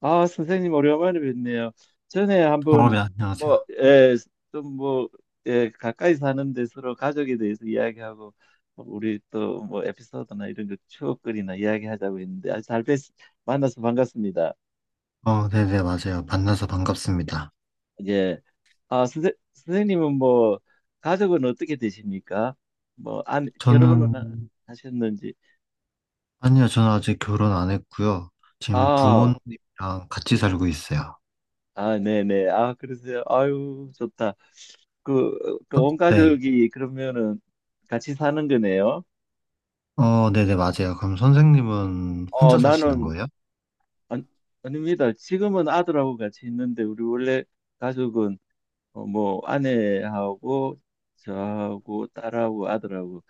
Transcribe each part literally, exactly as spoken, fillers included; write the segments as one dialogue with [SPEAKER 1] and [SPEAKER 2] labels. [SPEAKER 1] 아, 선생님 오랜만에 뵙네요. 전에
[SPEAKER 2] 어,
[SPEAKER 1] 한번
[SPEAKER 2] 네, 안녕하세요.
[SPEAKER 1] 뭐, 예, 좀 뭐, 예, 가까이 사는데 서로 가족에 대해서 이야기하고 우리 또 뭐 에피소드나 이런 거 추억거리나 이야기하자고 했는데 아주 잘 뵙, 만나서 반갑습니다.
[SPEAKER 2] 어, 네네, 맞아요. 만나서 반갑습니다.
[SPEAKER 1] 예. 아, 선생, 선생님은 뭐 가족은 어떻게 되십니까? 뭐, 안, 결혼은
[SPEAKER 2] 저는,
[SPEAKER 1] 하셨는지.
[SPEAKER 2] 아니요, 저는 아직 결혼 안 했고요. 지금
[SPEAKER 1] 아,
[SPEAKER 2] 부모님이랑 같이 살고 있어요.
[SPEAKER 1] 아, 네네. 아, 그러세요. 아유, 좋다. 그,
[SPEAKER 2] 어?
[SPEAKER 1] 그온
[SPEAKER 2] 네.
[SPEAKER 1] 가족이 그러면은 같이 사는 거네요.
[SPEAKER 2] 어, 네네, 맞아요. 그럼 선생님은
[SPEAKER 1] 어,
[SPEAKER 2] 혼자 사시는
[SPEAKER 1] 나는,
[SPEAKER 2] 거예요?
[SPEAKER 1] 아, 아닙니다. 지금은 아들하고 같이 있는데, 우리 원래 가족은, 어, 뭐, 아내하고, 저하고, 딸하고, 아들하고,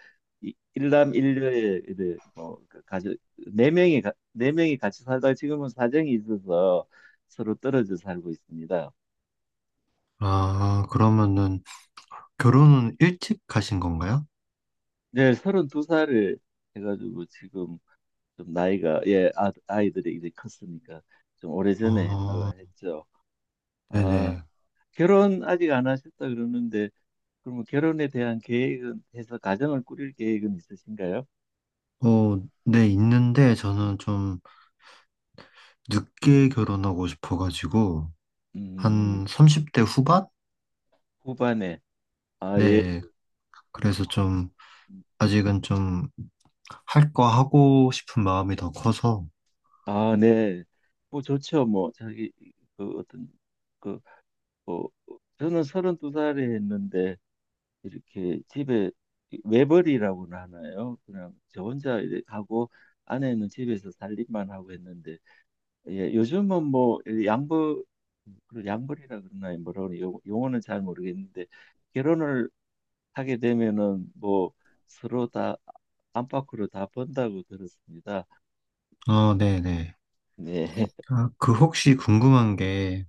[SPEAKER 1] 이- 일남일녀의, 이제 뭐, 그 가족, 네 명이, 가- 네 명이 같이 살다가 지금은 사정이 있어서 서로 떨어져 살고 있습니다.
[SPEAKER 2] 아, 그러면은 결혼은 일찍 하신 건가요?
[SPEAKER 1] 네, 서른 두 살에 해가지고 지금, 좀 나이가 예 아, 아이들이 이제 컸으니까 좀 오래전에
[SPEAKER 2] 어,
[SPEAKER 1] 했다가 했죠. 아
[SPEAKER 2] 네네.
[SPEAKER 1] 결혼 아직 안 하셨다 그러는데 그러면 결혼에 대한 계획은 해서 가정을 꾸릴 계획은 있으신가요?
[SPEAKER 2] 어, 네, 있는데 저는 좀 늦게 결혼하고 싶어가지고,
[SPEAKER 1] 음
[SPEAKER 2] 한 삼십 대 후반?
[SPEAKER 1] 후반에 아 예.
[SPEAKER 2] 네, 그래서 좀, 아직은 좀 할 거 하고 싶은 마음이 더 커서,
[SPEAKER 1] 아, 네. 뭐 좋죠. 뭐 자기 그 어떤 그뭐 저는 서른두 살에 했는데 이렇게 집에 외벌이라고는 하나요? 그냥 저 혼자 이렇게 하고 아내는 집에서 살림만 하고 했는데 예, 요즘은 뭐 양부 그 양벌이라 그러나요? 뭐라고 그러나 요 용어는 잘 모르겠는데 결혼을 하게 되면은 뭐 서로 다 안팎으로 다 번다고 들었습니다.
[SPEAKER 2] 어, 네네.
[SPEAKER 1] 네,
[SPEAKER 2] 아, 그 혹시 궁금한 게,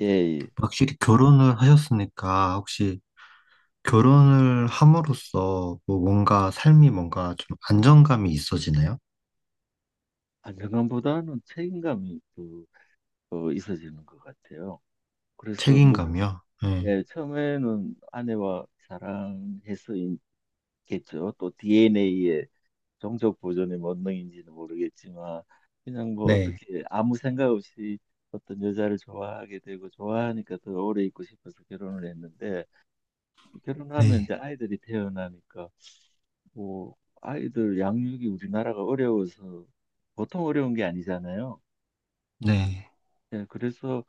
[SPEAKER 1] 예, 예.
[SPEAKER 2] 확실히 결혼을 하셨으니까, 혹시 결혼을 함으로써 뭐 뭔가 삶이 뭔가 좀 안정감이 있어지나요?
[SPEAKER 1] 안정감보다는 책임감이 또 어, 있어지는 것 같아요. 그래서 뭐
[SPEAKER 2] 책임감이요? 네.
[SPEAKER 1] 예, 처음에는 아내와 사랑해서겠죠. 또 디엔에이의 종족 보존의 본능인지는 모르겠지만 그냥 뭐
[SPEAKER 2] 네.
[SPEAKER 1] 어떻게 아무 생각 없이 어떤 여자를 좋아하게 되고 좋아하니까 더 오래 있고 싶어서 결혼을 했는데 결혼하면
[SPEAKER 2] 네.
[SPEAKER 1] 이제 아이들이 태어나니까 뭐 아이들 양육이 우리나라가 어려워서 보통 어려운 게 아니잖아요.
[SPEAKER 2] 네.
[SPEAKER 1] 예, 그래서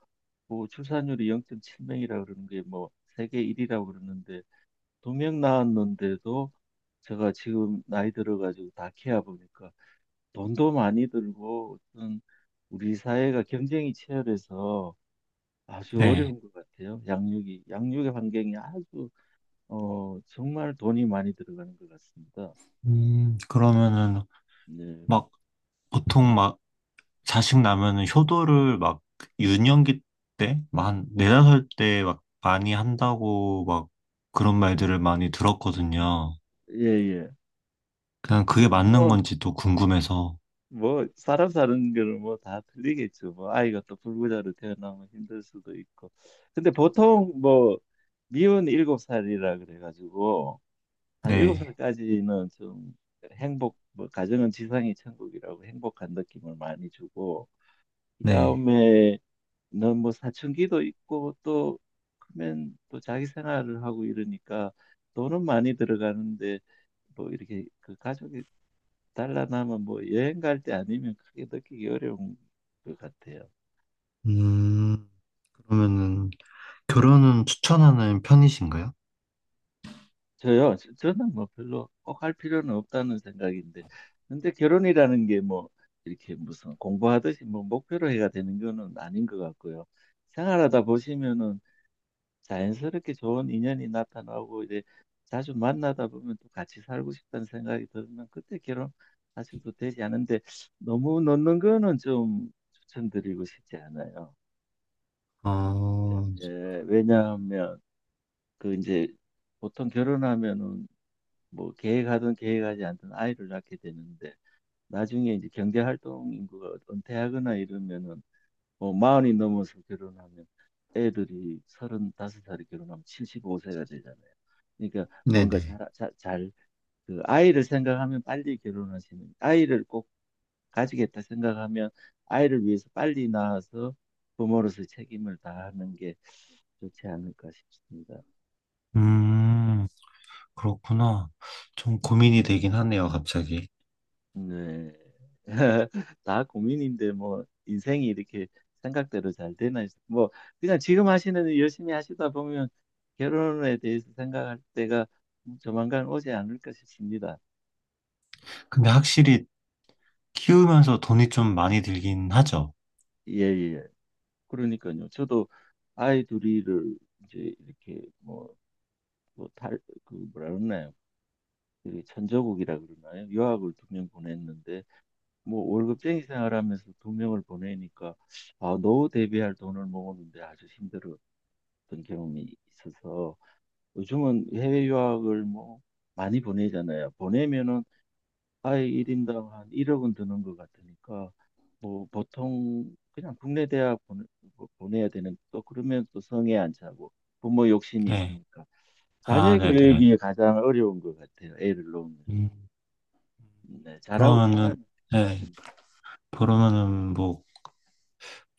[SPEAKER 1] 뭐 출산율이 영 점 칠 명이라 그러는 게 뭐 세계 일 위라고 그러는데 두 명 낳았는데도 제가 지금 나이 들어가지고 다 키워 보니까 돈도 많이 들고 어떤 우리 사회가 경쟁이 치열해서 아주
[SPEAKER 2] 네.
[SPEAKER 1] 어려운 것 같아요. 양육이 양육의 환경이 아주 어 정말 돈이 많이 들어가는 것 같습니다.
[SPEAKER 2] 음, 그러면은
[SPEAKER 1] 네,
[SPEAKER 2] 막 보통 막 자식 나면은 효도를 막 유년기 때, 막 한 네다섯 때 막 많이 한다고 막 그런 말들을 많이 들었거든요.
[SPEAKER 1] 예예.
[SPEAKER 2] 그냥 그게 맞는
[SPEAKER 1] 뭐
[SPEAKER 2] 건지 또 궁금해서.
[SPEAKER 1] 뭐 사람 사는 거는 뭐 다 틀리겠죠. 뭐 아이가 또 불구자로 태어나면 힘들 수도 있고. 근데 보통 뭐 미운 일곱 살이라 그래가지고 한 일곱
[SPEAKER 2] 네,
[SPEAKER 1] 살까지는 좀 행복, 뭐 가정은 지상이 천국이라고 행복한 느낌을 많이 주고
[SPEAKER 2] 네.
[SPEAKER 1] 그다음에는 뭐 사춘기도 있고 또 크면 또 자기 생활을 하고 이러니까 돈은 많이 들어가는데 뭐 이렇게 그 가족이 달라나면 뭐 여행 갈 때 아니면 크게 느끼기 어려운 것 같아요.
[SPEAKER 2] 음, 그러면은 결혼은 추천하는 편이신가요?
[SPEAKER 1] 저요? 저- 저는 뭐 별로 꼭 할 필요는 없다는 생각인데, 근데 결혼이라는 게 뭐 이렇게 무슨 공부하듯이 뭐 목표로 해야 되는 거는 아닌 것 같고요. 생활하다 보시면은 자연스럽게 좋은 인연이 나타나고 이제 자주 만나다 보면 또 같이 살고 싶다는 생각이 들면 그때 결혼하셔도 되지 않은데 너무 넣는 거는 좀 추천드리고 싶지 않아요.
[SPEAKER 2] 어,
[SPEAKER 1] 예, 왜냐하면 그 이제 보통 결혼하면은 뭐 계획하든 계획하지 않든 아이를 낳게 되는데 나중에 이제 경제활동 인구가 은퇴하거나 이러면은 뭐 마흔이 넘어서 결혼하면 애들이 서른다섯 살에 결혼하면 칠십오 세가 되잖아요. 그러니까 뭔가 잘,
[SPEAKER 2] 네네.
[SPEAKER 1] 잘, 잘, 그 아이를 생각하면 빨리 결혼하시는, 아이를 꼭 가지겠다 생각하면 아이를 위해서 빨리 낳아서 부모로서 책임을 다하는 게 좋지 않을까 싶습니다.
[SPEAKER 2] 음, 그렇구나. 좀 고민이 되긴 하네요, 갑자기.
[SPEAKER 1] 네. 다 고민인데 뭐 인생이 이렇게 생각대로 잘 되나 싶- 뭐 그냥 지금 하시는 일 열심히 하시다 보면 결혼에 대해서 생각할 때가 조만간 오지 않을까 싶습니다.
[SPEAKER 2] 근데 확실히 키우면서 돈이 좀 많이 들긴 하죠.
[SPEAKER 1] 예, 예. 그러니까요. 저도 아이 둘이를 이제 이렇게 뭐, 뭐 달, 그 뭐라 그러나요? 이게 천조국이라 그러나요? 유학을 두 명 보냈는데 뭐 월급쟁이 생활하면서 두 명을 보내니까 아, 노후 대비할 돈을 모으는데 아주 힘들어 어떤 경험이 있어서 요즘은 해외 유학을 뭐 많이 보내잖아요. 보내면은 아예 일 인당 한 일억 은 드는 것 같으니까 뭐 보통 그냥 국내 대학 보내, 뭐 보내야 되는 또 그러면 또 성에 안 차고 부모 욕심이
[SPEAKER 2] 네.
[SPEAKER 1] 있으니까
[SPEAKER 2] 아,
[SPEAKER 1] 자녀
[SPEAKER 2] 네네.
[SPEAKER 1] 교육이 가장 어려운 것 같아요. 애를 놓으면.
[SPEAKER 2] 음.
[SPEAKER 1] 네, 잘하고
[SPEAKER 2] 그러면은,
[SPEAKER 1] 사람
[SPEAKER 2] 네,
[SPEAKER 1] 음,
[SPEAKER 2] 그러면은 뭐,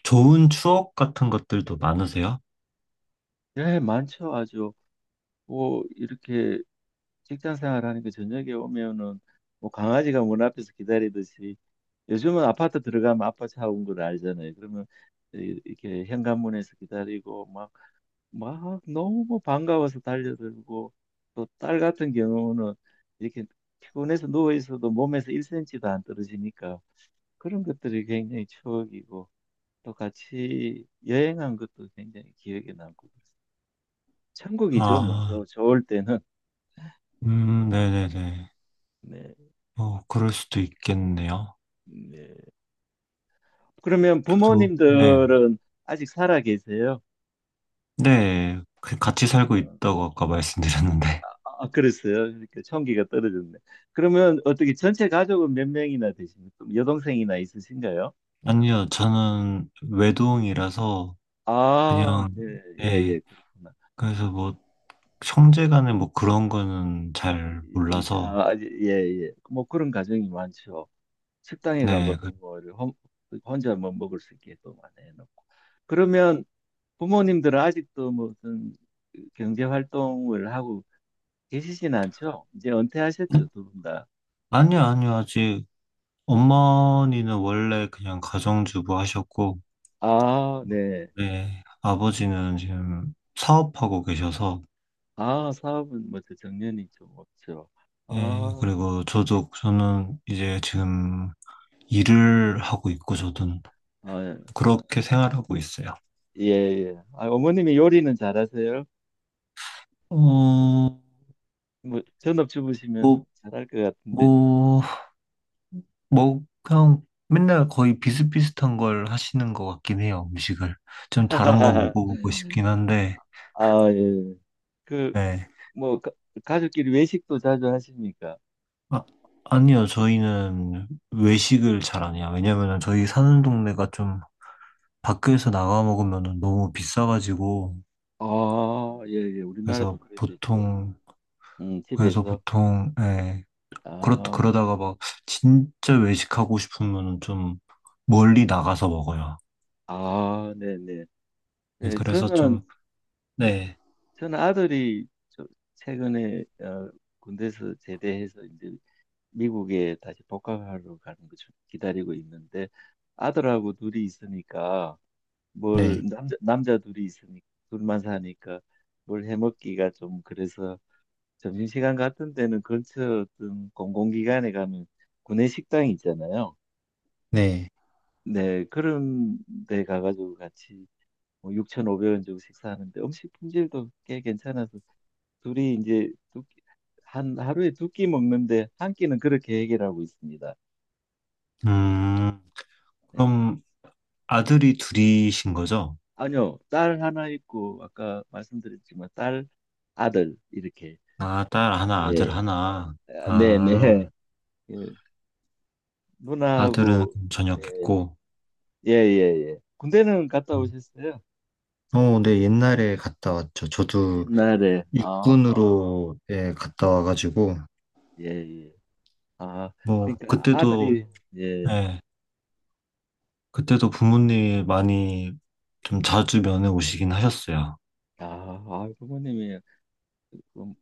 [SPEAKER 2] 좋은 추억 같은 것들도 많으세요?
[SPEAKER 1] 네, 많죠. 아주 뭐 이렇게 직장 생활하니까 저녁에 오면은 뭐 강아지가 문 앞에서 기다리듯이 요즘은 아파트 들어가면 아빠 차 온 걸 알잖아요. 그러면 이- 이렇게 현관문에서 기다리고 막, 막 너무 반가워서 달려들고 또 딸 같은 경우는 이렇게 피곤해서 누워 있어도 몸에서 일 센티미터도 안 떨어지니까 그런 것들이 굉장히 추억이고 또 같이 여행한 것도 굉장히 기억에 남고 그래서 천국이죠. 뭐
[SPEAKER 2] 아,
[SPEAKER 1] 저, 좋을 때는
[SPEAKER 2] 음, 네네네.
[SPEAKER 1] 네,
[SPEAKER 2] 어, 그럴 수도 있겠네요.
[SPEAKER 1] 네. 그러면
[SPEAKER 2] 저도, 네,
[SPEAKER 1] 부모님들은 아직 살아 계세요?
[SPEAKER 2] 네, 그 같이 살고
[SPEAKER 1] 어.
[SPEAKER 2] 있다고 아까 말씀드렸는데.
[SPEAKER 1] 아, 그랬어요. 그러니까 총기가 떨어졌네. 그러면 어떻게 전체 가족은 몇 명이나 되십니까? 여동생이나 있으신가요?
[SPEAKER 2] 아니요, 저는 외동이라서
[SPEAKER 1] 아,
[SPEAKER 2] 그냥,
[SPEAKER 1] 예, 예,
[SPEAKER 2] 네,
[SPEAKER 1] 예, 그렇구나.
[SPEAKER 2] 그래서 뭐, 형제 간에 뭐 그런 거는 잘
[SPEAKER 1] 이- 이-
[SPEAKER 2] 몰라서,
[SPEAKER 1] 아, 아, 예, 예. 뭐 그런 가정이 많죠. 식당에
[SPEAKER 2] 네. 그-
[SPEAKER 1] 가봐도 뭐 이렇게 혼- 혼자 뭐 먹을 수 있게 또 많이 해놓고. 그러면 부모님들은 아직도 무슨 경제 활동을 하고 계시진 않죠? 이제
[SPEAKER 2] 네?
[SPEAKER 1] 은퇴하셨죠, 두 분 다.
[SPEAKER 2] 아니요, 아니요, 아직 어머니는 원래 그냥 가정주부 하셨고,
[SPEAKER 1] 아, 네.
[SPEAKER 2] 네, 아버지는 지금 사업하고 계셔서,
[SPEAKER 1] 아, 사업은 뭐죠? 정년이 좀 없죠. 아,
[SPEAKER 2] 예, 그리고 저도, 저는 이제 지금 일을 하고 있고, 저도
[SPEAKER 1] 아,
[SPEAKER 2] 그렇게 생활하고 있어요.
[SPEAKER 1] 예, 예. 아, 어머님이 요리는 잘하세요?
[SPEAKER 2] 어, 뭐,
[SPEAKER 1] 뭐, 전업주부시면 잘할 것 같은데.
[SPEAKER 2] 뭐, 뭐, 그냥 맨날 거의 비슷비슷한 걸 하시는 것 같긴 해요, 음식을. 좀 다른 거 먹어보고 싶긴 한데,
[SPEAKER 1] 아, 예. 그,
[SPEAKER 2] 네.
[SPEAKER 1] 뭐, 가, 가족끼리 외식도 자주 하십니까?
[SPEAKER 2] 아, 아니요, 저희는 외식을 잘 안 해요. 왜냐면은 저희 사는 동네가 좀 밖에서 나가 먹으면 너무 비싸가지고,
[SPEAKER 1] 아, 예, 예. 우리나라도
[SPEAKER 2] 그래서
[SPEAKER 1] 그래 도있죠
[SPEAKER 2] 보통,
[SPEAKER 1] 음,
[SPEAKER 2] 그래서
[SPEAKER 1] 집에서.
[SPEAKER 2] 보통, 예, 그렇,
[SPEAKER 1] 아,
[SPEAKER 2] 그러다가 막 진짜 외식하고 싶으면 좀 멀리 나가서 먹어요.
[SPEAKER 1] 아, 네네.
[SPEAKER 2] 예,
[SPEAKER 1] 예,
[SPEAKER 2] 그래서
[SPEAKER 1] 저는,
[SPEAKER 2] 좀, 네.
[SPEAKER 1] 저는 아들이 저- 최근에 어, 군대에서 제대해서 이제 미국에 다시 복학하러 가는 거 좀 기다리고 있는데 아들하고 둘이 있으니까 뭘
[SPEAKER 2] 네,
[SPEAKER 1] 남자 남자 둘이 있으니까 둘만 사니까 뭘 해먹기가 좀 그래서 점심시간 같은 데는 근처 어떤 공공기관에 가면 구내 식당이 있잖아요.
[SPEAKER 2] 네.
[SPEAKER 1] 네, 그런 데 가가지고 같이 뭐 육천오백 원 주고 식사하는데 음식 품질도 꽤 괜찮아서 둘이 이제 두 끼- 한 하루에 두 끼 먹는데 한 끼는 그렇게 해결하고 있습니다.
[SPEAKER 2] 음,
[SPEAKER 1] 네.
[SPEAKER 2] 그럼 아들이 둘이신 거죠?
[SPEAKER 1] 아니요, 딸 하나 있고, 아까 말씀드렸지만, 딸, 아들, 이렇게.
[SPEAKER 2] 아, 딸 하나, 아들
[SPEAKER 1] 예,
[SPEAKER 2] 하나.
[SPEAKER 1] 아, 네,
[SPEAKER 2] 아,
[SPEAKER 1] 네. 예,
[SPEAKER 2] 아들은
[SPEAKER 1] 누나하고, 예,
[SPEAKER 2] 전역했고,
[SPEAKER 1] 예, 예, 예. 군대는 갔다
[SPEAKER 2] 음,
[SPEAKER 1] 오셨어요?
[SPEAKER 2] 어, 네, 옛날에 갔다 왔죠. 저도
[SPEAKER 1] 옛날에, 아, 아,
[SPEAKER 2] 육군으로 예, 갔다 와가지고,
[SPEAKER 1] 예, 예. 아,
[SPEAKER 2] 뭐,
[SPEAKER 1] 그러니까
[SPEAKER 2] 그때도,
[SPEAKER 1] 아들이, 예,
[SPEAKER 2] 예, 그때도 부모님이 많이 좀 자주 면회 오시긴 하셨어요.
[SPEAKER 1] 아, 아, 부모님이, 음,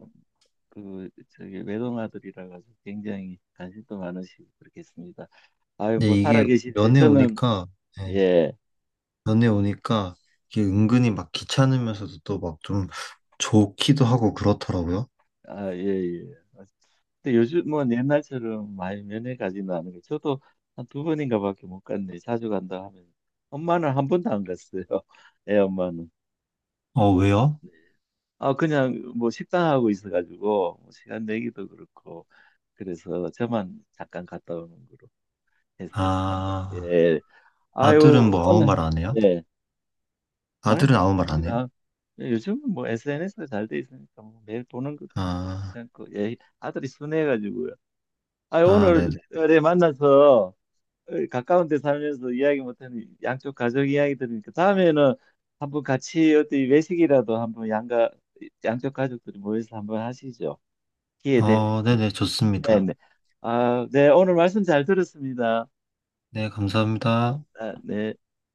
[SPEAKER 1] 그, 저기, 외동아들이라 가지고 굉장히 관심도 많으시고, 그렇겠습니다. 아유,
[SPEAKER 2] 근데
[SPEAKER 1] 뭐, 살아
[SPEAKER 2] 이게
[SPEAKER 1] 계실 때
[SPEAKER 2] 면회
[SPEAKER 1] 저는,
[SPEAKER 2] 오니까, 예,
[SPEAKER 1] 예.
[SPEAKER 2] 면회 오니까 이게 은근히 막 귀찮으면서도 또 막 좀 좋기도 하고 그렇더라고요.
[SPEAKER 1] 아, 예, 예. 근데 요즘은 옛날처럼 많이 면회 가지는 않은 거. 저도 한 두 번인가밖에 못 갔네. 자주 간다 하면 엄마는 한 번도 안 갔어요. 애 엄마는.
[SPEAKER 2] 어, 왜요?
[SPEAKER 1] 아, 그냥 뭐 식당하고 있어가지고 뭐 시간 내기도 그렇고 그래서 저만 잠깐 갔다 오는 걸로 했, 했습니다.
[SPEAKER 2] 아,
[SPEAKER 1] 예.
[SPEAKER 2] 아들은
[SPEAKER 1] 아유,
[SPEAKER 2] 뭐 아무
[SPEAKER 1] 오늘
[SPEAKER 2] 말 안 해요?
[SPEAKER 1] 예. 아유
[SPEAKER 2] 아들은 아무 말 안 해요?
[SPEAKER 1] 괜찮습니다. 예, 요즘은 뭐 에스엔에스가 잘 돼 있으니까 뭐 매일 보는 것도
[SPEAKER 2] 아,
[SPEAKER 1] 괜찮고 예. 아들이 순해가지고요. 아,
[SPEAKER 2] 아, 네네.
[SPEAKER 1] 오늘에 만나서 어, 가까운 데 살면서 이야기 못하는 양쪽 가족 이야기 들으니까 다음에는 한번 같이 어디 외식이라도 한번 양가 양쪽 가족들이 모여서 한번 하시죠. 기회 되면.
[SPEAKER 2] 어, 네네,
[SPEAKER 1] 네,
[SPEAKER 2] 좋습니다.
[SPEAKER 1] 네. 아, 네, 오늘 말씀 잘 들었습니다.
[SPEAKER 2] 네, 감사합니다.
[SPEAKER 1] 아, 네.